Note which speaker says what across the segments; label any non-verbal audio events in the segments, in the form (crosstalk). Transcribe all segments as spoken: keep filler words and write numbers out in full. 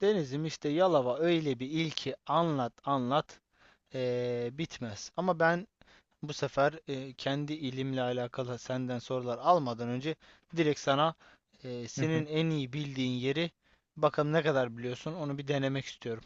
Speaker 1: Denizim, işte Yalova öyle bir il ki anlat anlat eee, bitmez. Ama ben bu sefer eee, kendi ilimle alakalı senden sorular almadan önce direkt sana eee,
Speaker 2: Hı hı.
Speaker 1: senin en iyi bildiğin yeri bakalım ne kadar biliyorsun, onu bir denemek istiyorum.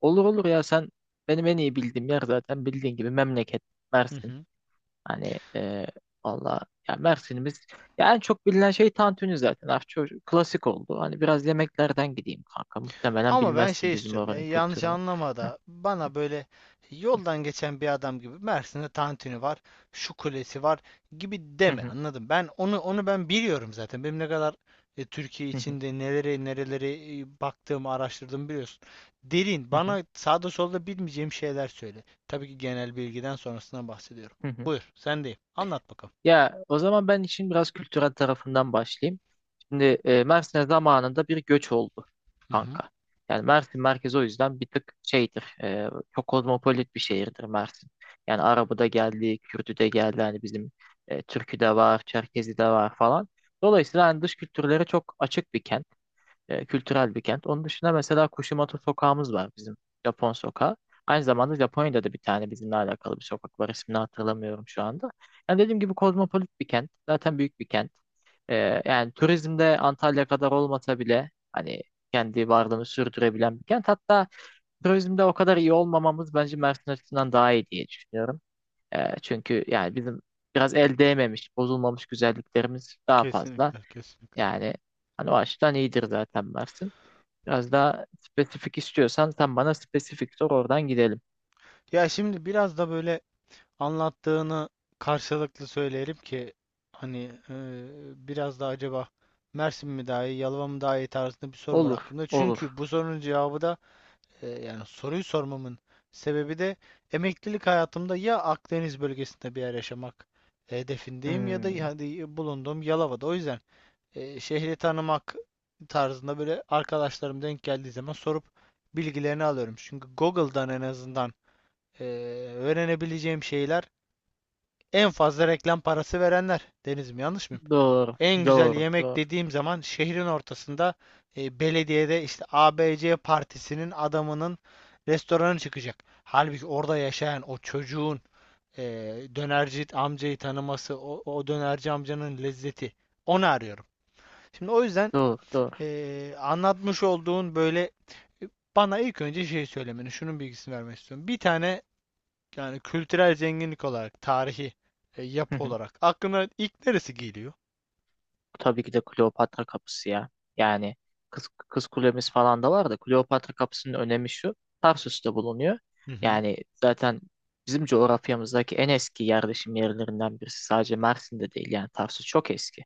Speaker 2: Olur olur, ya sen benim en iyi bildiğim yer zaten bildiğin gibi memleket
Speaker 1: Hı
Speaker 2: Mersin.
Speaker 1: hı.
Speaker 2: Hani e, valla ya Mersin'imiz, ya en çok bilinen şey tantuni zaten. Artık çok klasik oldu. Hani biraz yemeklerden gideyim kanka. Muhtemelen
Speaker 1: Ama ben şey
Speaker 2: bilmezsin bizim
Speaker 1: istiyorum.
Speaker 2: oranın
Speaker 1: Yani yanlış
Speaker 2: kültürünü.
Speaker 1: anlama da bana böyle yoldan geçen bir adam gibi Mersin'de tantuni var, şu kulesi var gibi
Speaker 2: Hı
Speaker 1: deme.
Speaker 2: hı,
Speaker 1: Anladım. Ben onu onu ben biliyorum zaten. Benim ne kadar e, Türkiye
Speaker 2: hı hı,
Speaker 1: içinde neleri nereleri e, baktığımı, araştırdığımı biliyorsun. Derin,
Speaker 2: hı hı,
Speaker 1: bana sağda solda bilmeyeceğim şeyler söyle. Tabii ki genel bilgiden sonrasından bahsediyorum.
Speaker 2: hı hı.
Speaker 1: Buyur, sendeyim. Anlat bakalım.
Speaker 2: Ya o zaman ben işin biraz kültürel tarafından başlayayım. Şimdi e, Mersin'e zamanında bir göç oldu
Speaker 1: Hı hı.
Speaker 2: kanka. Yani Mersin merkezi o yüzden bir tık şeydir. E, çok kozmopolit bir şehirdir Mersin. Yani Arabı da geldi, Kürdü de geldi. Hani bizim e, Türkü de var, Çerkezi de var falan. Dolayısıyla hani dış kültürlere çok açık bir kent. E, kültürel bir kent. Onun dışında mesela Kushimoto sokağımız var bizim, Japon sokağı. Aynı zamanda Japonya'da da bir tane bizimle alakalı bir sokak var. İsmini hatırlamıyorum şu anda. Yani dediğim gibi kozmopolit bir kent. Zaten büyük bir kent. E, Yani turizmde Antalya kadar olmasa bile hani kendi varlığını sürdürebilen bir kent. Hatta turizmde o kadar iyi olmamamız bence Mersin açısından daha iyi diye düşünüyorum. E, çünkü yani bizim biraz el değmemiş, bozulmamış güzelliklerimiz daha fazla.
Speaker 1: Kesinlikle, kesinlikle.
Speaker 2: Yani hani o açıdan iyidir zaten Mersin. Biraz daha spesifik istiyorsan sen bana spesifik sor, oradan gidelim.
Speaker 1: Ya şimdi biraz da böyle anlattığını karşılıklı söyleyelim ki hani eee, biraz da acaba Mersin mi daha iyi, Yalova mı daha iyi tarzında bir soru var
Speaker 2: Olur,
Speaker 1: aklımda.
Speaker 2: olur.
Speaker 1: Çünkü bu sorunun cevabı da eee, yani soruyu sormamın sebebi de emeklilik hayatımda ya Akdeniz bölgesinde bir yer yaşamak hedefindeyim ya da
Speaker 2: Hmm,
Speaker 1: yani bulunduğum Yalova'da. O yüzden eee, şehri tanımak tarzında böyle arkadaşlarım denk geldiği zaman sorup bilgilerini alıyorum. Çünkü Google'dan en azından eee, öğrenebileceğim şeyler en fazla reklam parası verenler. Denizim, yanlış mıyım?
Speaker 2: doğru,
Speaker 1: En güzel
Speaker 2: doğru,
Speaker 1: yemek
Speaker 2: doğru,
Speaker 1: dediğim zaman şehrin ortasında e, belediyede işte A B C partisinin adamının restoranı çıkacak. Halbuki orada yaşayan o çocuğun e, dönerci amcayı tanıması, o, o dönerci amcanın lezzeti. Onu arıyorum. Şimdi o yüzden
Speaker 2: doğru, doğru.
Speaker 1: e, anlatmış olduğun böyle, e, bana ilk önce şey söylemeni, şunun bilgisini vermek istiyorum. Bir tane yani kültürel zenginlik olarak, tarihi e,
Speaker 2: Hı
Speaker 1: yapı
Speaker 2: hı.
Speaker 1: olarak aklına ilk neresi geliyor?
Speaker 2: Tabii ki de Kleopatra kapısı ya. Yani kız, kız kulemiz falan da var da Kleopatra kapısının önemi şu. Tarsus'ta bulunuyor.
Speaker 1: Hı hı.
Speaker 2: Yani zaten bizim coğrafyamızdaki en eski yerleşim yerlerinden birisi. Sadece Mersin'de değil yani Tarsus çok eski.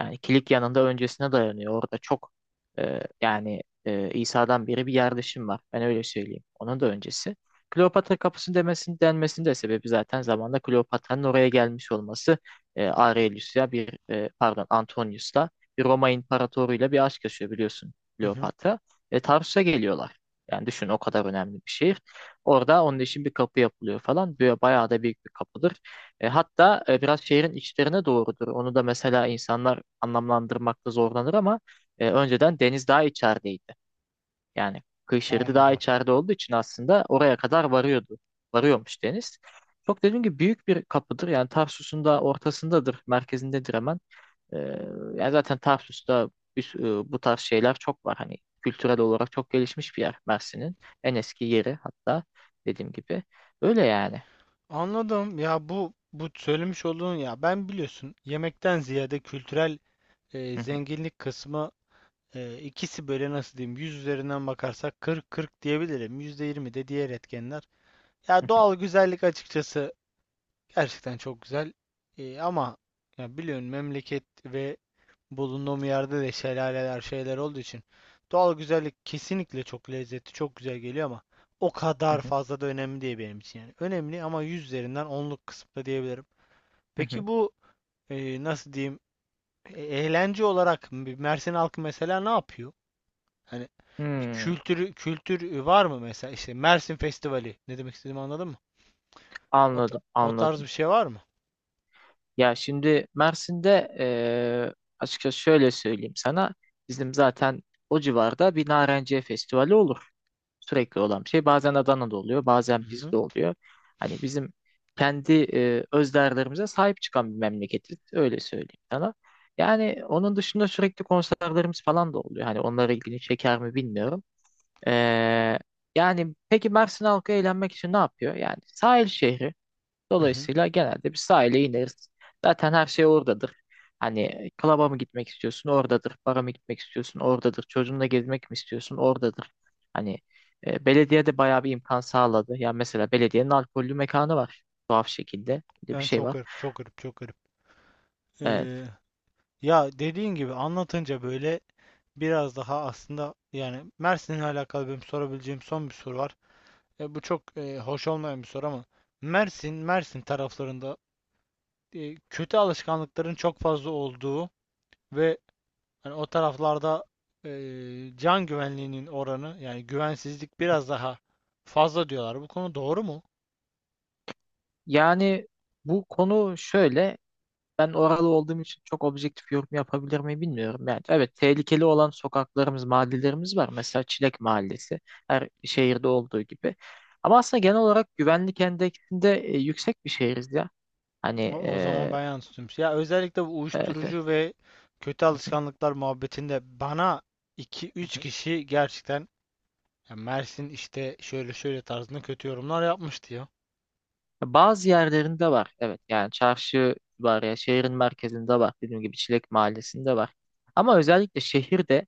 Speaker 2: Yani Kilikya'nın da öncesine dayanıyor. Orada çok e, yani e, İsa'dan beri bir yerleşim var. Ben öyle söyleyeyim. Onun da öncesi. Kleopatra kapısı demesinin denmesinin de sebebi zaten zamanda Kleopatra'nın oraya gelmiş olması. E, Aurelius'la bir e, pardon, Antonius'la, bir Roma imparatoruyla bir aşk yaşıyor biliyorsun
Speaker 1: Hı hı.
Speaker 2: Kleopatra. E, Tarsus'a geliyorlar. Yani düşün o kadar önemli bir şehir. Orada onun için bir kapı yapılıyor falan. Böyle bayağı da büyük bir kapıdır. E, hatta e, biraz şehrin içlerine doğrudur. Onu da mesela insanlar anlamlandırmakta zorlanır ama e, önceden deniz daha içerideydi. Yani kıyı şeridi daha
Speaker 1: Anladım.
Speaker 2: içeride olduğu için aslında oraya kadar varıyordu. Varıyormuş deniz. Çok dediğim gibi büyük bir kapıdır. Yani Tarsus'un da ortasındadır, merkezindedir hemen. E, Yani zaten Tarsus'ta bir sü- e, bu tarz şeyler çok var. Hani kültürel olarak çok gelişmiş bir yer Mersin'in. En eski yeri hatta, dediğim gibi. Öyle yani.
Speaker 1: Anladım. Ya bu bu söylemiş olduğun, ya ben biliyorsun yemekten ziyade kültürel e,
Speaker 2: Hı hı,
Speaker 1: zenginlik kısmı, e, ikisi böyle nasıl diyeyim, yüz üzerinden bakarsak kırk kırk diyebilirim. yüzde yirmi de diğer etkenler.
Speaker 2: hı
Speaker 1: Ya
Speaker 2: hı,
Speaker 1: doğal güzellik açıkçası gerçekten çok güzel. Ee, ama ya biliyorsun memleket ve bulunduğum yerde de şelaleler şeyler olduğu için doğal güzellik kesinlikle çok lezzetli, çok güzel geliyor ama o
Speaker 2: hı
Speaker 1: kadar
Speaker 2: hı,
Speaker 1: fazla da önemli değil benim için yani. Önemli ama yüz üzerinden onluk kısımda diyebilirim.
Speaker 2: hı hı.
Speaker 1: Peki bu e, nasıl diyeyim, e- eğlence olarak m- Mersin halkı mesela ne yapıyor? Hani bir
Speaker 2: Hmm.
Speaker 1: kültürü kültür var mı mesela, işte Mersin Festivali, ne demek istediğimi anladın mı? O, ta-
Speaker 2: Anladım,
Speaker 1: o tarz bir
Speaker 2: anladım.
Speaker 1: şey var mı?
Speaker 2: Ya şimdi Mersin'de eee açıkçası şöyle söyleyeyim sana. Bizim zaten o civarda bir Narenciye Festivali olur. Sürekli olan bir şey. Bazen Adana'da oluyor, bazen bizde oluyor. Hani bizim kendi eee öz değerlerimize sahip çıkan bir memleketiz. Öyle söyleyeyim sana. Yani onun dışında sürekli konserlerimiz falan da oluyor. Hani onlara ilgini çeker mi bilmiyorum. Eee, Yani peki Mersin halkı eğlenmek için ne yapıyor? Yani sahil şehri.
Speaker 1: Hı hı.
Speaker 2: Dolayısıyla genelde bir sahile ineriz. Zaten her şey oradadır. Hani klaba mı gitmek istiyorsun, oradadır. Bara mı gitmek istiyorsun, oradadır. Çocuğunla gezmek mi istiyorsun, oradadır. Hani e, belediye de bayağı bir imkan sağladı. Yani mesela belediyenin alkollü mekanı var. Tuhaf şekilde. Bir de bir
Speaker 1: Yani
Speaker 2: şey
Speaker 1: çok
Speaker 2: var.
Speaker 1: garip, çok garip, çok garip. Ee,
Speaker 2: Evet.
Speaker 1: ya dediğin gibi anlatınca böyle biraz daha aslında yani Mersin'le alakalı benim sorabileceğim son bir soru var. E, bu çok e, hoş olmayan bir soru ama Mersin, Mersin taraflarında e, kötü alışkanlıkların çok fazla olduğu ve hani o taraflarda e, can güvenliğinin oranı, yani güvensizlik
Speaker 2: Hı hı.
Speaker 1: biraz daha fazla diyorlar. Bu konu doğru mu?
Speaker 2: Yani bu konu şöyle. Ben oralı olduğum için çok objektif yorum yapabilir miyim bilmiyorum. Yani evet, tehlikeli olan sokaklarımız, mahallelerimiz var. Mesela Çilek Mahallesi, her şehirde olduğu gibi. Ama aslında genel olarak güvenlik endeksinde e, yüksek bir şehiriz ya. Hani
Speaker 1: O, o zaman
Speaker 2: e,
Speaker 1: ben yanlış tutmuş. Ya özellikle bu
Speaker 2: evet, evet.
Speaker 1: uyuşturucu ve kötü
Speaker 2: Hı hı,
Speaker 1: alışkanlıklar muhabbetinde bana iki
Speaker 2: hı
Speaker 1: üç
Speaker 2: hı.
Speaker 1: kişi gerçekten ya Mersin işte şöyle şöyle tarzında kötü yorumlar yapmıştı ya.
Speaker 2: Bazı yerlerinde var. Evet yani çarşı, var ya şehrin merkezinde, var. Dediğim gibi Çilek Mahallesi'nde var. Ama özellikle şehirde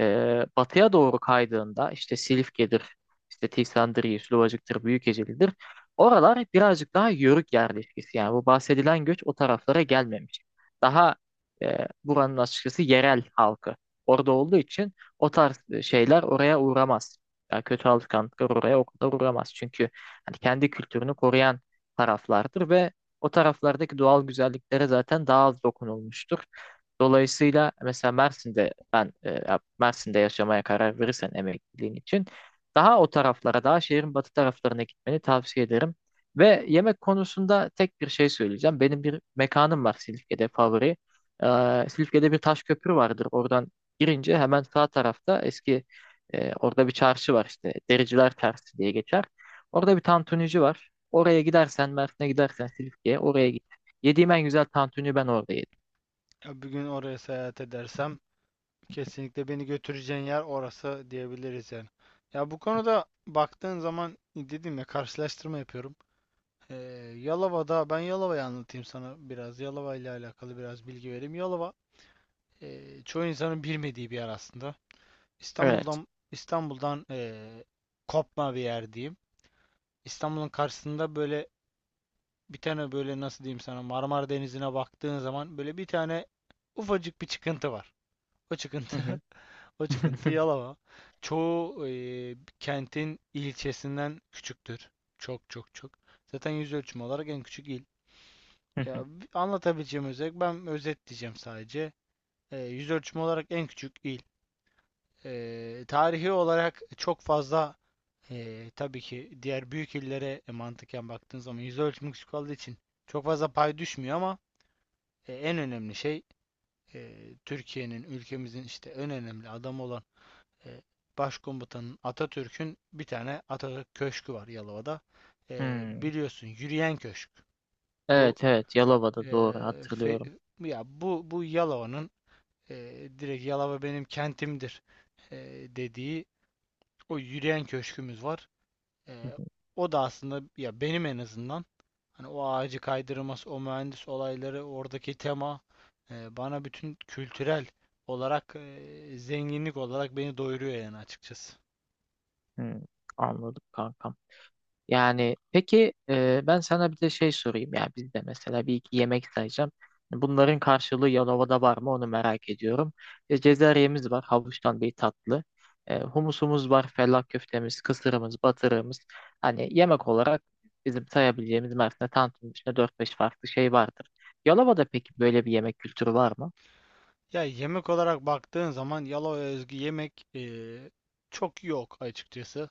Speaker 2: Ee, batıya doğru kaydığında, işte Silifke'dir, işte Tiksandriye, Şilovacık'tır, Büyükeceli'dir. Oralar birazcık daha yörük yerleşkesi. Yani bu bahsedilen göç o taraflara gelmemiş. Daha e, buranın açıkçası yerel halkı orada olduğu için o tarz şeyler oraya uğramaz. Yani kötü alışkanlıklar oraya o kadar uğramaz. Çünkü hani kendi kültürünü koruyan taraflardır ve o taraflardaki doğal güzelliklere zaten daha az dokunulmuştur. Dolayısıyla mesela Mersin'de ben e, ya Mersin'de yaşamaya karar verirsen emekliliğin için daha o taraflara, daha şehrin batı taraflarına gitmeni tavsiye ederim. Ve yemek konusunda tek bir şey söyleyeceğim. Benim bir mekanım var Silifke'de, favori. Ee, Silifke'de bir taş köprü vardır. Oradan girince hemen sağ tarafta eski e, orada bir çarşı var işte. Dericiler Çarşısı diye geçer. Orada bir tantunici var. Oraya gidersen, Mersin'e gidersen Silifke'ye oraya git. Yediğim en güzel tantuni ben orada yedim.
Speaker 1: Ya bir gün oraya seyahat edersem kesinlikle beni götüreceğin yer orası diyebiliriz yani. Ya bu konuda baktığın zaman, dedim ya, karşılaştırma yapıyorum. Ee, Yalova'da, ben Yalova'yı anlatayım sana biraz. Yalova ile alakalı biraz bilgi vereyim. Yalova e, çoğu insanın bilmediği bir yer aslında.
Speaker 2: Evet.
Speaker 1: İstanbul'dan İstanbul'dan e, kopma bir yer diyeyim. İstanbul'un karşısında böyle bir tane, böyle nasıl diyeyim sana, Marmara Denizi'ne baktığın zaman böyle bir tane ufacık bir çıkıntı var. O
Speaker 2: Hı
Speaker 1: çıkıntı
Speaker 2: hı.
Speaker 1: (laughs) o çıkıntı
Speaker 2: (laughs)
Speaker 1: Yalova. Çoğu e, kentin ilçesinden küçüktür. Çok çok çok. Zaten yüz ölçümü olarak en küçük. Ya, anlatabileceğim özet, ben özetleyeceğim sadece. Ee, yüz ölçümü olarak en küçük il. Ee, tarihi olarak çok fazla ee, tabii ki diğer büyük illere e, mantıken baktığın zaman yüz ölçümü küçük olduğu için çok fazla pay düşmüyor ama e, en önemli şey, e, Türkiye'nin, ülkemizin işte en önemli adamı olan e, Başkomutanın, Atatürk'ün bir tane Atatürk Köşkü var Yalova'da. Ee,
Speaker 2: Hmm.
Speaker 1: biliyorsun, Yürüyen Köşk. Bu
Speaker 2: Evet, evet,
Speaker 1: e,
Speaker 2: Yalova'da doğru
Speaker 1: fe-
Speaker 2: hatırlıyorum.
Speaker 1: ya bu bu Yalova'nın e, direkt Yalova benim kentimdir e, dediği o yürüyen köşkümüz var. E,
Speaker 2: (laughs)
Speaker 1: o da aslında ya benim en azından hani o ağacı kaydırması, o mühendis olayları, oradaki tema e, bana bütün kültürel olarak e, zenginlik olarak beni doyuruyor yani açıkçası.
Speaker 2: Hmm. Anladım kankam. Yani peki e, ben sana bir de şey sorayım, ya bizde mesela bir iki yemek sayacağım. Bunların karşılığı Yalova'da var mı onu merak ediyorum. E, Cezeryemiz var, havuçtan bir tatlı. E, humusumuz var, fellah köftemiz, kısırımız, batırığımız. Hani yemek olarak bizim sayabileceğimiz Mersin'de tantının dört beş farklı şey vardır. Yalova'da peki böyle bir yemek kültürü var mı?
Speaker 1: Ya yemek olarak baktığın zaman Yalova'ya özgü yemek e, çok yok açıkçası.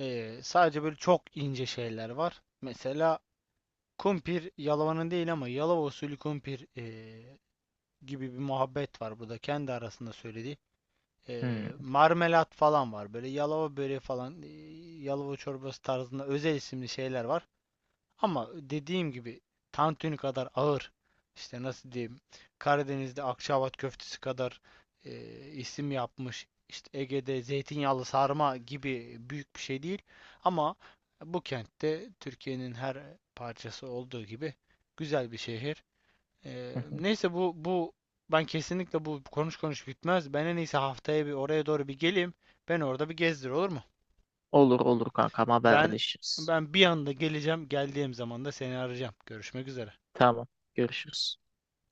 Speaker 1: E, sadece böyle çok ince şeyler var. Mesela kumpir Yalova'nın değil ama Yalova usulü kumpir eee, gibi bir muhabbet var burada kendi arasında söylediği. Eee, marmelat falan var, böyle Yalova böreği falan, eee, Yalova çorbası tarzında özel isimli şeyler var. Ama dediğim gibi tantuni kadar ağır, işte nasıl diyeyim, Karadeniz'de Akçaabat köftesi kadar e, isim yapmış, işte Ege'de zeytinyağlı sarma gibi büyük bir şey değil ama bu kentte, Türkiye'nin her parçası olduğu gibi, güzel bir şehir. E,
Speaker 2: Hmm.
Speaker 1: neyse bu bu ben kesinlikle bu konuş konuş bitmez. Ben en iyisi haftaya bir oraya doğru bir geleyim. Ben orada bir gezdir, olur mu?
Speaker 2: Olur olur kankam,
Speaker 1: Ben
Speaker 2: haberleşiriz.
Speaker 1: Ben bir anda geleceğim. Geldiğim zaman da seni arayacağım. Görüşmek üzere.
Speaker 2: Tamam, görüşürüz.